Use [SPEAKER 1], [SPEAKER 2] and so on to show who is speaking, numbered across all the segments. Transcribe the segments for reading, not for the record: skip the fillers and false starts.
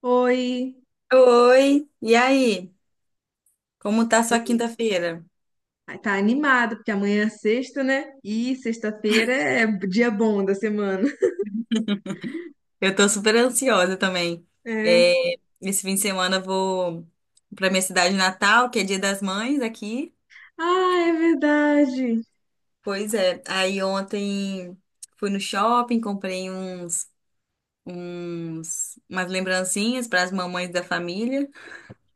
[SPEAKER 1] Oi,
[SPEAKER 2] Oi, e aí? Como tá sua quinta-feira?
[SPEAKER 1] ai, tá animado, porque amanhã é sexta, né? E sexta-feira é dia bom da semana.
[SPEAKER 2] Eu tô super ansiosa também.
[SPEAKER 1] É.
[SPEAKER 2] É, esse fim de semana eu vou pra minha cidade natal, que é Dia das Mães aqui.
[SPEAKER 1] Ah, é verdade.
[SPEAKER 2] Pois é, aí ontem fui no shopping, comprei uns, umas lembrancinhas para as mamães da família,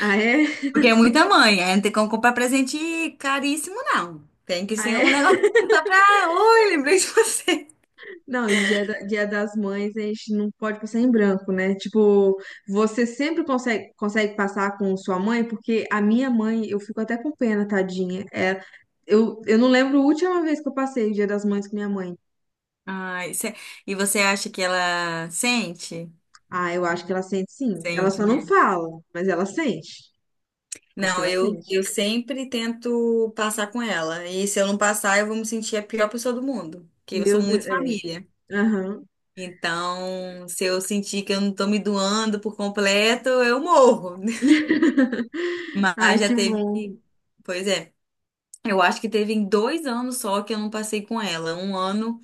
[SPEAKER 1] Ah, é?
[SPEAKER 2] porque é muita mãe, aí não tem como comprar presente caríssimo, não. Tem que
[SPEAKER 1] Ah,
[SPEAKER 2] ser um
[SPEAKER 1] é?
[SPEAKER 2] negócio só pra... Oi, lembrei de você.
[SPEAKER 1] Não, e dia, dia das mães a gente não pode passar em branco, né? Tipo, você sempre consegue passar com sua mãe, porque a minha mãe, eu fico até com pena, tadinha. É, eu não lembro a última vez que eu passei o dia das mães com minha mãe.
[SPEAKER 2] Ai, cê- e você acha que ela sente?
[SPEAKER 1] Ah, eu acho que ela sente sim. Ela
[SPEAKER 2] Sente,
[SPEAKER 1] só não
[SPEAKER 2] né?
[SPEAKER 1] fala, mas ela sente. Acho que
[SPEAKER 2] Não,
[SPEAKER 1] ela
[SPEAKER 2] eu,
[SPEAKER 1] sente.
[SPEAKER 2] eu sempre tento passar com ela. E se eu não passar, eu vou me sentir a pior pessoa do mundo. Porque eu sou
[SPEAKER 1] Meu Deus,
[SPEAKER 2] muito
[SPEAKER 1] é.
[SPEAKER 2] família.
[SPEAKER 1] Aham.
[SPEAKER 2] Então, se eu sentir que eu não tô me doando por completo, eu morro.
[SPEAKER 1] Ai,
[SPEAKER 2] Mas já
[SPEAKER 1] que
[SPEAKER 2] teve.
[SPEAKER 1] bom.
[SPEAKER 2] Pois é. Eu acho que teve em dois anos só que eu não passei com ela. Um ano.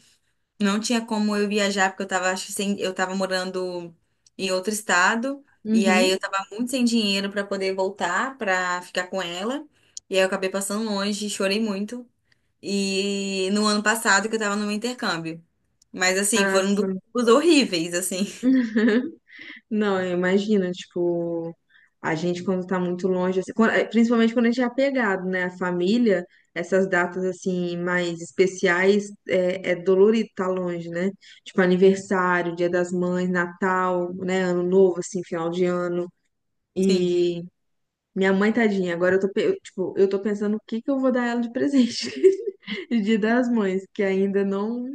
[SPEAKER 2] Não tinha como eu viajar, porque eu tava, acho que sem, eu tava morando em outro estado, e aí
[SPEAKER 1] Uhum.
[SPEAKER 2] eu tava muito sem dinheiro pra poder voltar, pra ficar com ela. E aí eu acabei passando longe, chorei muito. E no ano passado que eu tava no meu intercâmbio. Mas assim,
[SPEAKER 1] Ah,
[SPEAKER 2] foram
[SPEAKER 1] sim.
[SPEAKER 2] duas horríveis, assim.
[SPEAKER 1] Não, imagina, tipo, a gente quando tá muito longe, assim, principalmente quando a gente é apegado, né? A família, essas datas, assim, mais especiais, é dolorido tá longe, né? Tipo, aniversário, Dia das Mães, Natal, né? Ano Novo, assim, final de ano.
[SPEAKER 2] Sim.
[SPEAKER 1] E minha mãe, tadinha, agora eu tô, eu, tipo, eu tô pensando o que que eu vou dar ela de presente de Dia das Mães, que ainda não.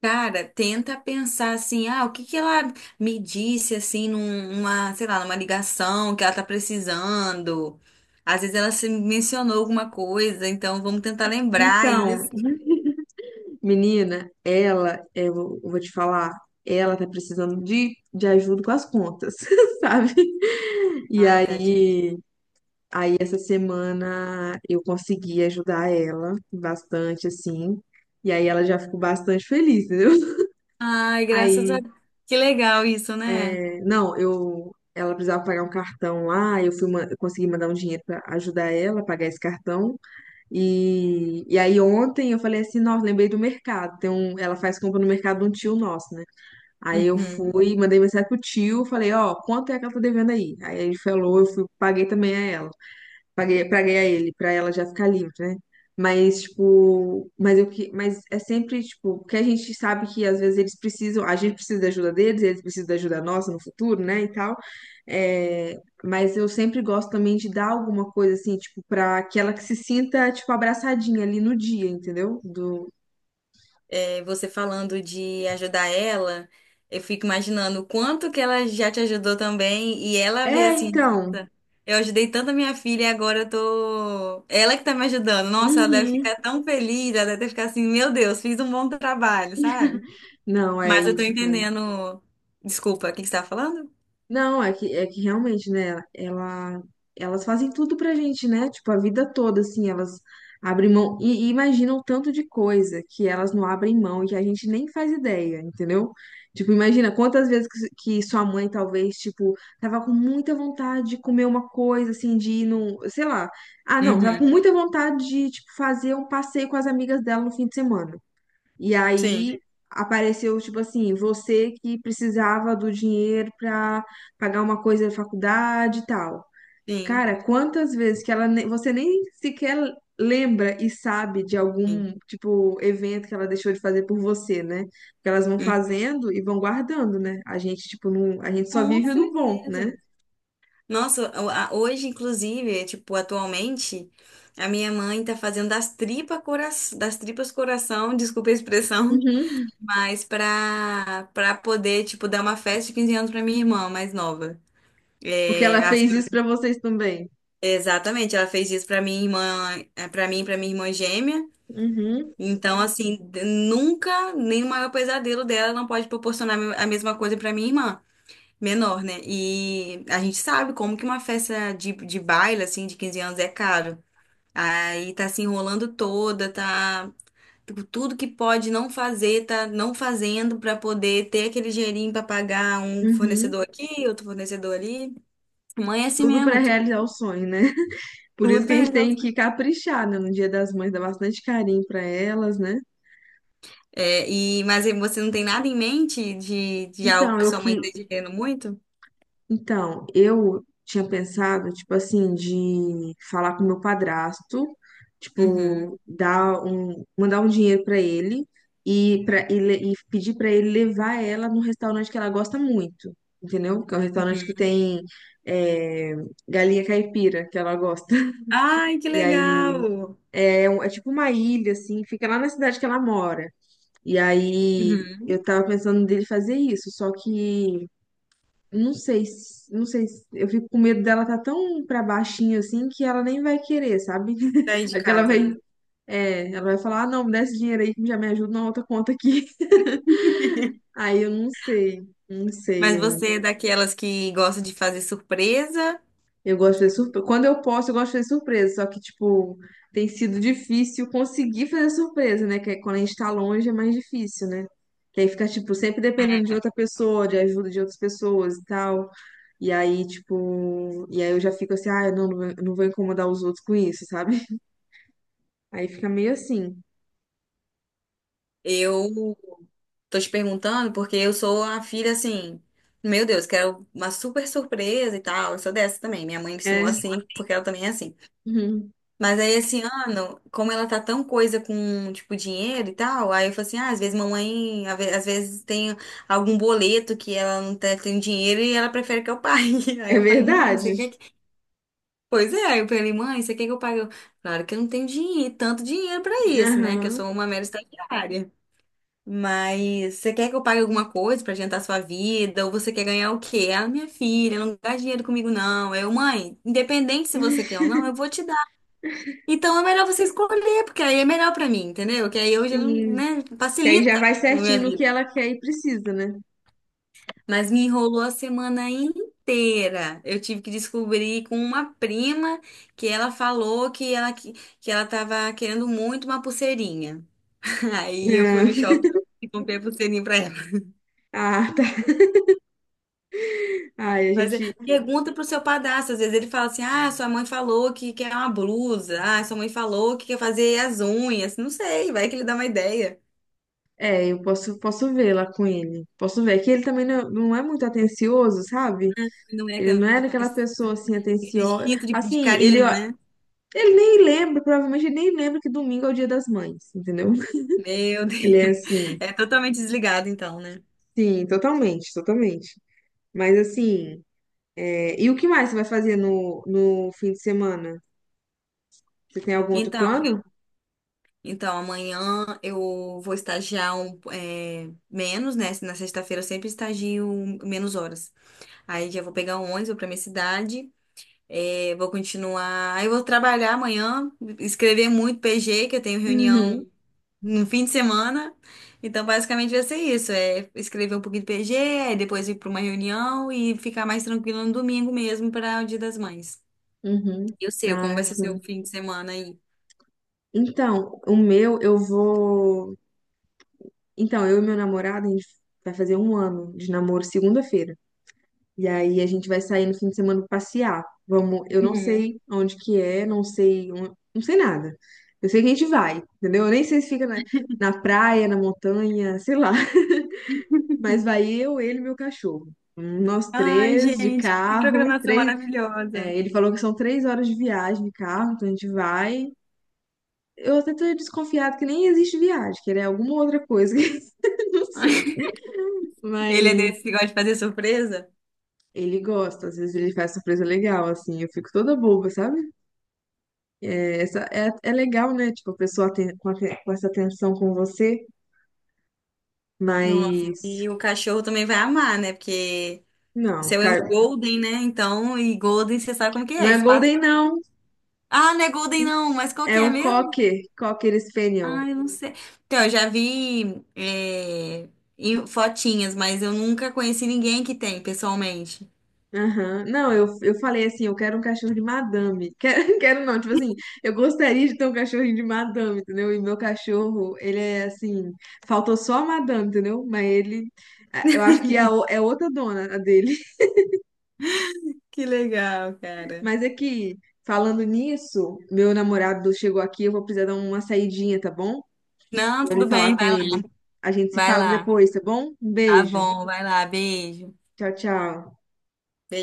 [SPEAKER 2] Cara, tenta pensar assim, ah, o que que ela me disse assim numa, sei lá, numa ligação que ela tá precisando. Às vezes ela se mencionou alguma coisa, então vamos tentar lembrar
[SPEAKER 1] Então,
[SPEAKER 2] isso.
[SPEAKER 1] menina, ela, eu vou te falar, ela tá precisando de ajuda com as contas, sabe? E
[SPEAKER 2] Ai, tadinha.
[SPEAKER 1] aí, aí essa semana eu consegui ajudar ela bastante, assim. E aí ela já ficou bastante feliz, entendeu?
[SPEAKER 2] Ai, graças a
[SPEAKER 1] Aí,
[SPEAKER 2] Deus. Que legal isso, né?
[SPEAKER 1] é, não, eu, ela precisava pagar um cartão lá, eu fui, eu consegui mandar um dinheiro pra ajudar ela a pagar esse cartão. E aí ontem eu falei assim, nossa, lembrei do mercado. Tem um, ela faz compra no mercado de um tio nosso, né? Aí eu
[SPEAKER 2] Uhum.
[SPEAKER 1] fui, mandei mensagem pro tio, falei, ó, quanto é que ela tá devendo aí? Aí ele falou, eu fui, paguei também a ela. Paguei a ele, pra ela já ficar livre, né? Mas, tipo, mas eu que, mas é sempre, tipo, porque a gente sabe que às vezes eles precisam, a gente precisa da ajuda deles, eles precisam da ajuda nossa no futuro, né, e tal. É, mas eu sempre gosto também de dar alguma coisa assim, tipo, pra que ela que se sinta, tipo, abraçadinha ali no dia, entendeu? Do...
[SPEAKER 2] É, você falando de ajudar ela, eu fico imaginando o quanto que ela já te ajudou também, e ela vê
[SPEAKER 1] É,
[SPEAKER 2] assim,
[SPEAKER 1] então.
[SPEAKER 2] nossa, eu ajudei tanto a minha filha e agora eu tô. Ela que tá me ajudando. Nossa, ela deve
[SPEAKER 1] Uhum.
[SPEAKER 2] ficar tão feliz, ela deve ficar assim, meu Deus, fiz um bom trabalho, sabe?
[SPEAKER 1] Não, é,
[SPEAKER 2] Mas
[SPEAKER 1] e,
[SPEAKER 2] eu tô
[SPEAKER 1] tipo,
[SPEAKER 2] entendendo. Desculpa, o que que você tá falando?
[SPEAKER 1] não, é que realmente, né, ela, elas fazem tudo pra gente, né? Tipo, a vida toda, assim, elas abrem mão e imaginam tanto de coisa que elas não abrem mão e que a gente nem faz ideia, entendeu? Tipo, imagina quantas vezes que sua mãe, talvez, tipo, tava com muita vontade de comer uma coisa, assim, de ir num, sei lá. Ah, não, tava com
[SPEAKER 2] Uhum.
[SPEAKER 1] muita vontade de, tipo, fazer um passeio com as amigas dela no fim de semana. E
[SPEAKER 2] Sim,
[SPEAKER 1] aí apareceu, tipo assim, você que precisava do dinheiro pra pagar uma coisa da faculdade e tal.
[SPEAKER 2] sim,
[SPEAKER 1] Cara, quantas vezes que você nem sequer lembra e sabe de
[SPEAKER 2] sim.
[SPEAKER 1] algum, tipo, evento que ela deixou de fazer por você, né? Porque elas vão
[SPEAKER 2] Uhum.
[SPEAKER 1] fazendo e vão guardando, né? A gente, tipo, não, a gente só
[SPEAKER 2] Com
[SPEAKER 1] vive do bom, né?
[SPEAKER 2] certeza. Nossa, hoje, inclusive, é, tipo, atualmente, a minha mãe tá fazendo das tripas coração, desculpa a expressão,
[SPEAKER 1] Uhum.
[SPEAKER 2] mas pra, pra poder, tipo, dar uma festa de 15 anos pra minha irmã mais nova.
[SPEAKER 1] Porque
[SPEAKER 2] É,
[SPEAKER 1] ela
[SPEAKER 2] as-
[SPEAKER 1] fez isso pra vocês também.
[SPEAKER 2] Exatamente, ela fez isso pra minha irmã, é, pra mim, e pra minha irmã gêmea.
[SPEAKER 1] Uhum,
[SPEAKER 2] Então, assim, nunca, nem o maior pesadelo dela não pode proporcionar a mesma coisa pra minha irmã menor, né? E a gente sabe como que uma festa de baile, assim, de 15 anos é caro. Aí tá se enrolando toda, tá. Tipo, tudo que pode não fazer, tá não fazendo pra poder ter aquele dinheirinho pra pagar um
[SPEAKER 1] uhum.
[SPEAKER 2] fornecedor aqui, outro fornecedor ali. Mãe é assim
[SPEAKER 1] Tudo pra
[SPEAKER 2] mesmo,
[SPEAKER 1] realizar o sonho, né? Por isso
[SPEAKER 2] tudo
[SPEAKER 1] que a
[SPEAKER 2] vai
[SPEAKER 1] gente tem
[SPEAKER 2] resolver.
[SPEAKER 1] que caprichar, né? No Dia das Mães, dar bastante carinho pra elas, né?
[SPEAKER 2] É, e, mas aí você não tem nada em mente de algo
[SPEAKER 1] Então,
[SPEAKER 2] que
[SPEAKER 1] eu
[SPEAKER 2] sua mãe
[SPEAKER 1] que,
[SPEAKER 2] esteja querendo muito?
[SPEAKER 1] então, eu tinha pensado, tipo assim, de falar com meu padrasto,
[SPEAKER 2] Uhum,
[SPEAKER 1] tipo, dar um, mandar um dinheiro pra ele e pedir pra ele levar ela num restaurante que ela gosta muito, entendeu? Que é um restaurante que
[SPEAKER 2] uhum.
[SPEAKER 1] tem é, galinha caipira, que ela gosta.
[SPEAKER 2] Ai, que
[SPEAKER 1] E aí
[SPEAKER 2] legal!
[SPEAKER 1] é, é tipo uma ilha assim, fica lá na cidade que ela mora. E aí eu
[SPEAKER 2] Uhum.
[SPEAKER 1] tava pensando dele fazer isso, só que não sei, eu fico com medo dela tá tão pra baixinho assim que ela nem vai querer, sabe?
[SPEAKER 2] Daí de
[SPEAKER 1] Acho que ela
[SPEAKER 2] casa,
[SPEAKER 1] vai,
[SPEAKER 2] né?
[SPEAKER 1] é, ela vai falar, ah, não, me dá esse dinheiro aí que já me ajuda na outra conta aqui. Aí eu não sei, não
[SPEAKER 2] Mas
[SPEAKER 1] sei.
[SPEAKER 2] você é daquelas que gosta de fazer surpresa?
[SPEAKER 1] Eu gosto de fazer surpresa. Quando eu posso, eu gosto de fazer surpresa. Só que, tipo, tem sido difícil conseguir fazer surpresa, né? Que é quando a gente tá longe é mais difícil, né? Que aí fica, tipo, sempre dependendo de outra pessoa, de ajuda de outras pessoas e tal. E aí, tipo, e aí eu já fico assim, ah, eu não, não vou incomodar os outros com isso, sabe? Aí fica meio assim.
[SPEAKER 2] Eu tô te perguntando porque eu sou a filha assim, meu Deus, quero uma super surpresa e tal. Eu sou dessa também. Minha mãe me
[SPEAKER 1] É.
[SPEAKER 2] ensinou assim, porque ela também é assim.
[SPEAKER 1] Uhum.
[SPEAKER 2] Mas aí esse ano, como ela tá tão coisa com, tipo, dinheiro e tal, aí eu falei assim: ah, às vezes mamãe, às vezes tem algum boleto que ela não tá- tem dinheiro e ela prefere que eu pague. Aí
[SPEAKER 1] É
[SPEAKER 2] eu falei, mãe,
[SPEAKER 1] verdade.
[SPEAKER 2] você quer. Pois é, aí eu falei, mãe, você quer que eu pague? Eu, claro que eu não tenho dinheiro, tanto dinheiro pra isso, né? Que eu
[SPEAKER 1] Aham,
[SPEAKER 2] sou uma mera estagiária. Mas você quer que eu pague alguma coisa pra adiantar a sua vida? Ou você quer ganhar o quê? Ah, minha filha, não gasta dinheiro comigo, não. Eu, mãe, independente se você quer ou não, eu vou te dar. Então é melhor você escolher, porque aí é melhor pra mim, entendeu? Que aí hoje,
[SPEAKER 1] sim.
[SPEAKER 2] né,
[SPEAKER 1] Que aí já
[SPEAKER 2] facilita
[SPEAKER 1] vai
[SPEAKER 2] a minha
[SPEAKER 1] certinho no
[SPEAKER 2] vida.
[SPEAKER 1] que ela quer e precisa, né?
[SPEAKER 2] Mas me enrolou a semana inteira. Eu tive que descobrir com uma prima que ela falou que ela tava querendo muito uma pulseirinha. Aí eu fui no shopping e comprei a pulseirinha pra ela.
[SPEAKER 1] Ah, ah, tá. Ai, a
[SPEAKER 2] Mas é,
[SPEAKER 1] gente.
[SPEAKER 2] pergunta pro seu padrasto. Às vezes ele fala assim: ah, sua mãe falou que quer uma blusa. Ah, sua mãe falou que quer fazer as unhas. Não sei, vai que ele dá uma ideia.
[SPEAKER 1] É, eu posso, posso ver lá com ele. Posso ver. Que ele também não, não é muito atencioso, sabe?
[SPEAKER 2] Não é
[SPEAKER 1] Ele
[SPEAKER 2] aquele
[SPEAKER 1] não é daquela pessoa assim,
[SPEAKER 2] Esse
[SPEAKER 1] atenciosa.
[SPEAKER 2] instinto de
[SPEAKER 1] Assim, ele,
[SPEAKER 2] carinho,
[SPEAKER 1] ó,
[SPEAKER 2] né?
[SPEAKER 1] ele nem lembra, provavelmente ele nem lembra que domingo é o dia das mães, entendeu?
[SPEAKER 2] Meu
[SPEAKER 1] Ele
[SPEAKER 2] Deus.
[SPEAKER 1] é assim,
[SPEAKER 2] É totalmente desligado, então, né?
[SPEAKER 1] sim, totalmente. Mas assim, é, e o que mais você vai fazer no, no fim de semana? Você tem algum outro
[SPEAKER 2] Então.
[SPEAKER 1] plano?
[SPEAKER 2] Então, amanhã eu vou estagiar um, é, menos, né? Na sexta-feira eu sempre estagio menos horas. Aí já vou pegar um ônibus, vou pra minha cidade, é, vou continuar. Aí eu vou trabalhar amanhã, escrever muito PG, que eu tenho reunião
[SPEAKER 1] Uhum,
[SPEAKER 2] no fim de semana. Então, basicamente vai ser isso: é escrever um pouquinho de PG, aí depois ir pra uma reunião e ficar mais tranquilo no domingo mesmo para o Dia das Mães.
[SPEAKER 1] uhum.
[SPEAKER 2] Eu sei como
[SPEAKER 1] Ah,
[SPEAKER 2] vai ser
[SPEAKER 1] sim.
[SPEAKER 2] seu fim de semana aí.
[SPEAKER 1] Então, o meu, eu vou. Então, eu e meu namorado, a gente vai fazer um ano de namoro segunda-feira. E aí a gente vai sair no fim de semana pra passear. Vamos, eu não
[SPEAKER 2] Uhum.
[SPEAKER 1] sei onde que é, não sei, não sei nada. Eu sei que a gente vai, entendeu? Eu nem sei se fica na praia, na montanha, sei lá. Mas vai eu, ele e meu cachorro. Nós
[SPEAKER 2] Ai,
[SPEAKER 1] três de
[SPEAKER 2] gente, que
[SPEAKER 1] carro,
[SPEAKER 2] programação
[SPEAKER 1] três.
[SPEAKER 2] maravilhosa.
[SPEAKER 1] É, ele falou que são 3 horas de viagem de carro, então a gente vai. Eu até tô desconfiado que nem existe viagem, que era alguma outra coisa, que eu não sei.
[SPEAKER 2] Ele é
[SPEAKER 1] Mas
[SPEAKER 2] desse que gosta de fazer surpresa?
[SPEAKER 1] ele gosta, às vezes ele faz surpresa legal, assim, eu fico toda boba, sabe? É, essa é, é legal, né? Tipo, a pessoa tem, com essa atenção com você,
[SPEAKER 2] Nossa,
[SPEAKER 1] mas
[SPEAKER 2] e o cachorro também vai amar, né? Porque o
[SPEAKER 1] não,
[SPEAKER 2] seu é um
[SPEAKER 1] cara,
[SPEAKER 2] golden, né? Então, e golden, você sabe como que
[SPEAKER 1] não
[SPEAKER 2] é?
[SPEAKER 1] é
[SPEAKER 2] Espaço...
[SPEAKER 1] Golden, não.
[SPEAKER 2] Ah, não é golden não, mas qual que
[SPEAKER 1] É
[SPEAKER 2] é
[SPEAKER 1] um
[SPEAKER 2] mesmo?
[SPEAKER 1] Cocker, Cocker Spaniel.
[SPEAKER 2] Ah, eu não sei. Então, eu já vi é, em fotinhas, mas eu nunca conheci ninguém que tem, pessoalmente.
[SPEAKER 1] Aham. Não, eu falei assim, eu quero um cachorro de madame. Quero, quero não, tipo assim, eu gostaria de ter um cachorrinho de madame, entendeu? E meu cachorro, ele é assim, faltou só a madame, entendeu? Mas ele, é, eu acho que é, é outra dona a dele.
[SPEAKER 2] Que legal, cara.
[SPEAKER 1] Mas é que, falando nisso, meu namorado chegou aqui, eu vou precisar dar uma saidinha, tá bom?
[SPEAKER 2] Não,
[SPEAKER 1] Vou ali
[SPEAKER 2] tudo
[SPEAKER 1] falar
[SPEAKER 2] bem,
[SPEAKER 1] com
[SPEAKER 2] vai.
[SPEAKER 1] ele. A gente se
[SPEAKER 2] Vai
[SPEAKER 1] fala
[SPEAKER 2] lá.
[SPEAKER 1] depois, tá bom? Um
[SPEAKER 2] Tá
[SPEAKER 1] beijo.
[SPEAKER 2] bom, vai lá, beijo.
[SPEAKER 1] Tchau, tchau.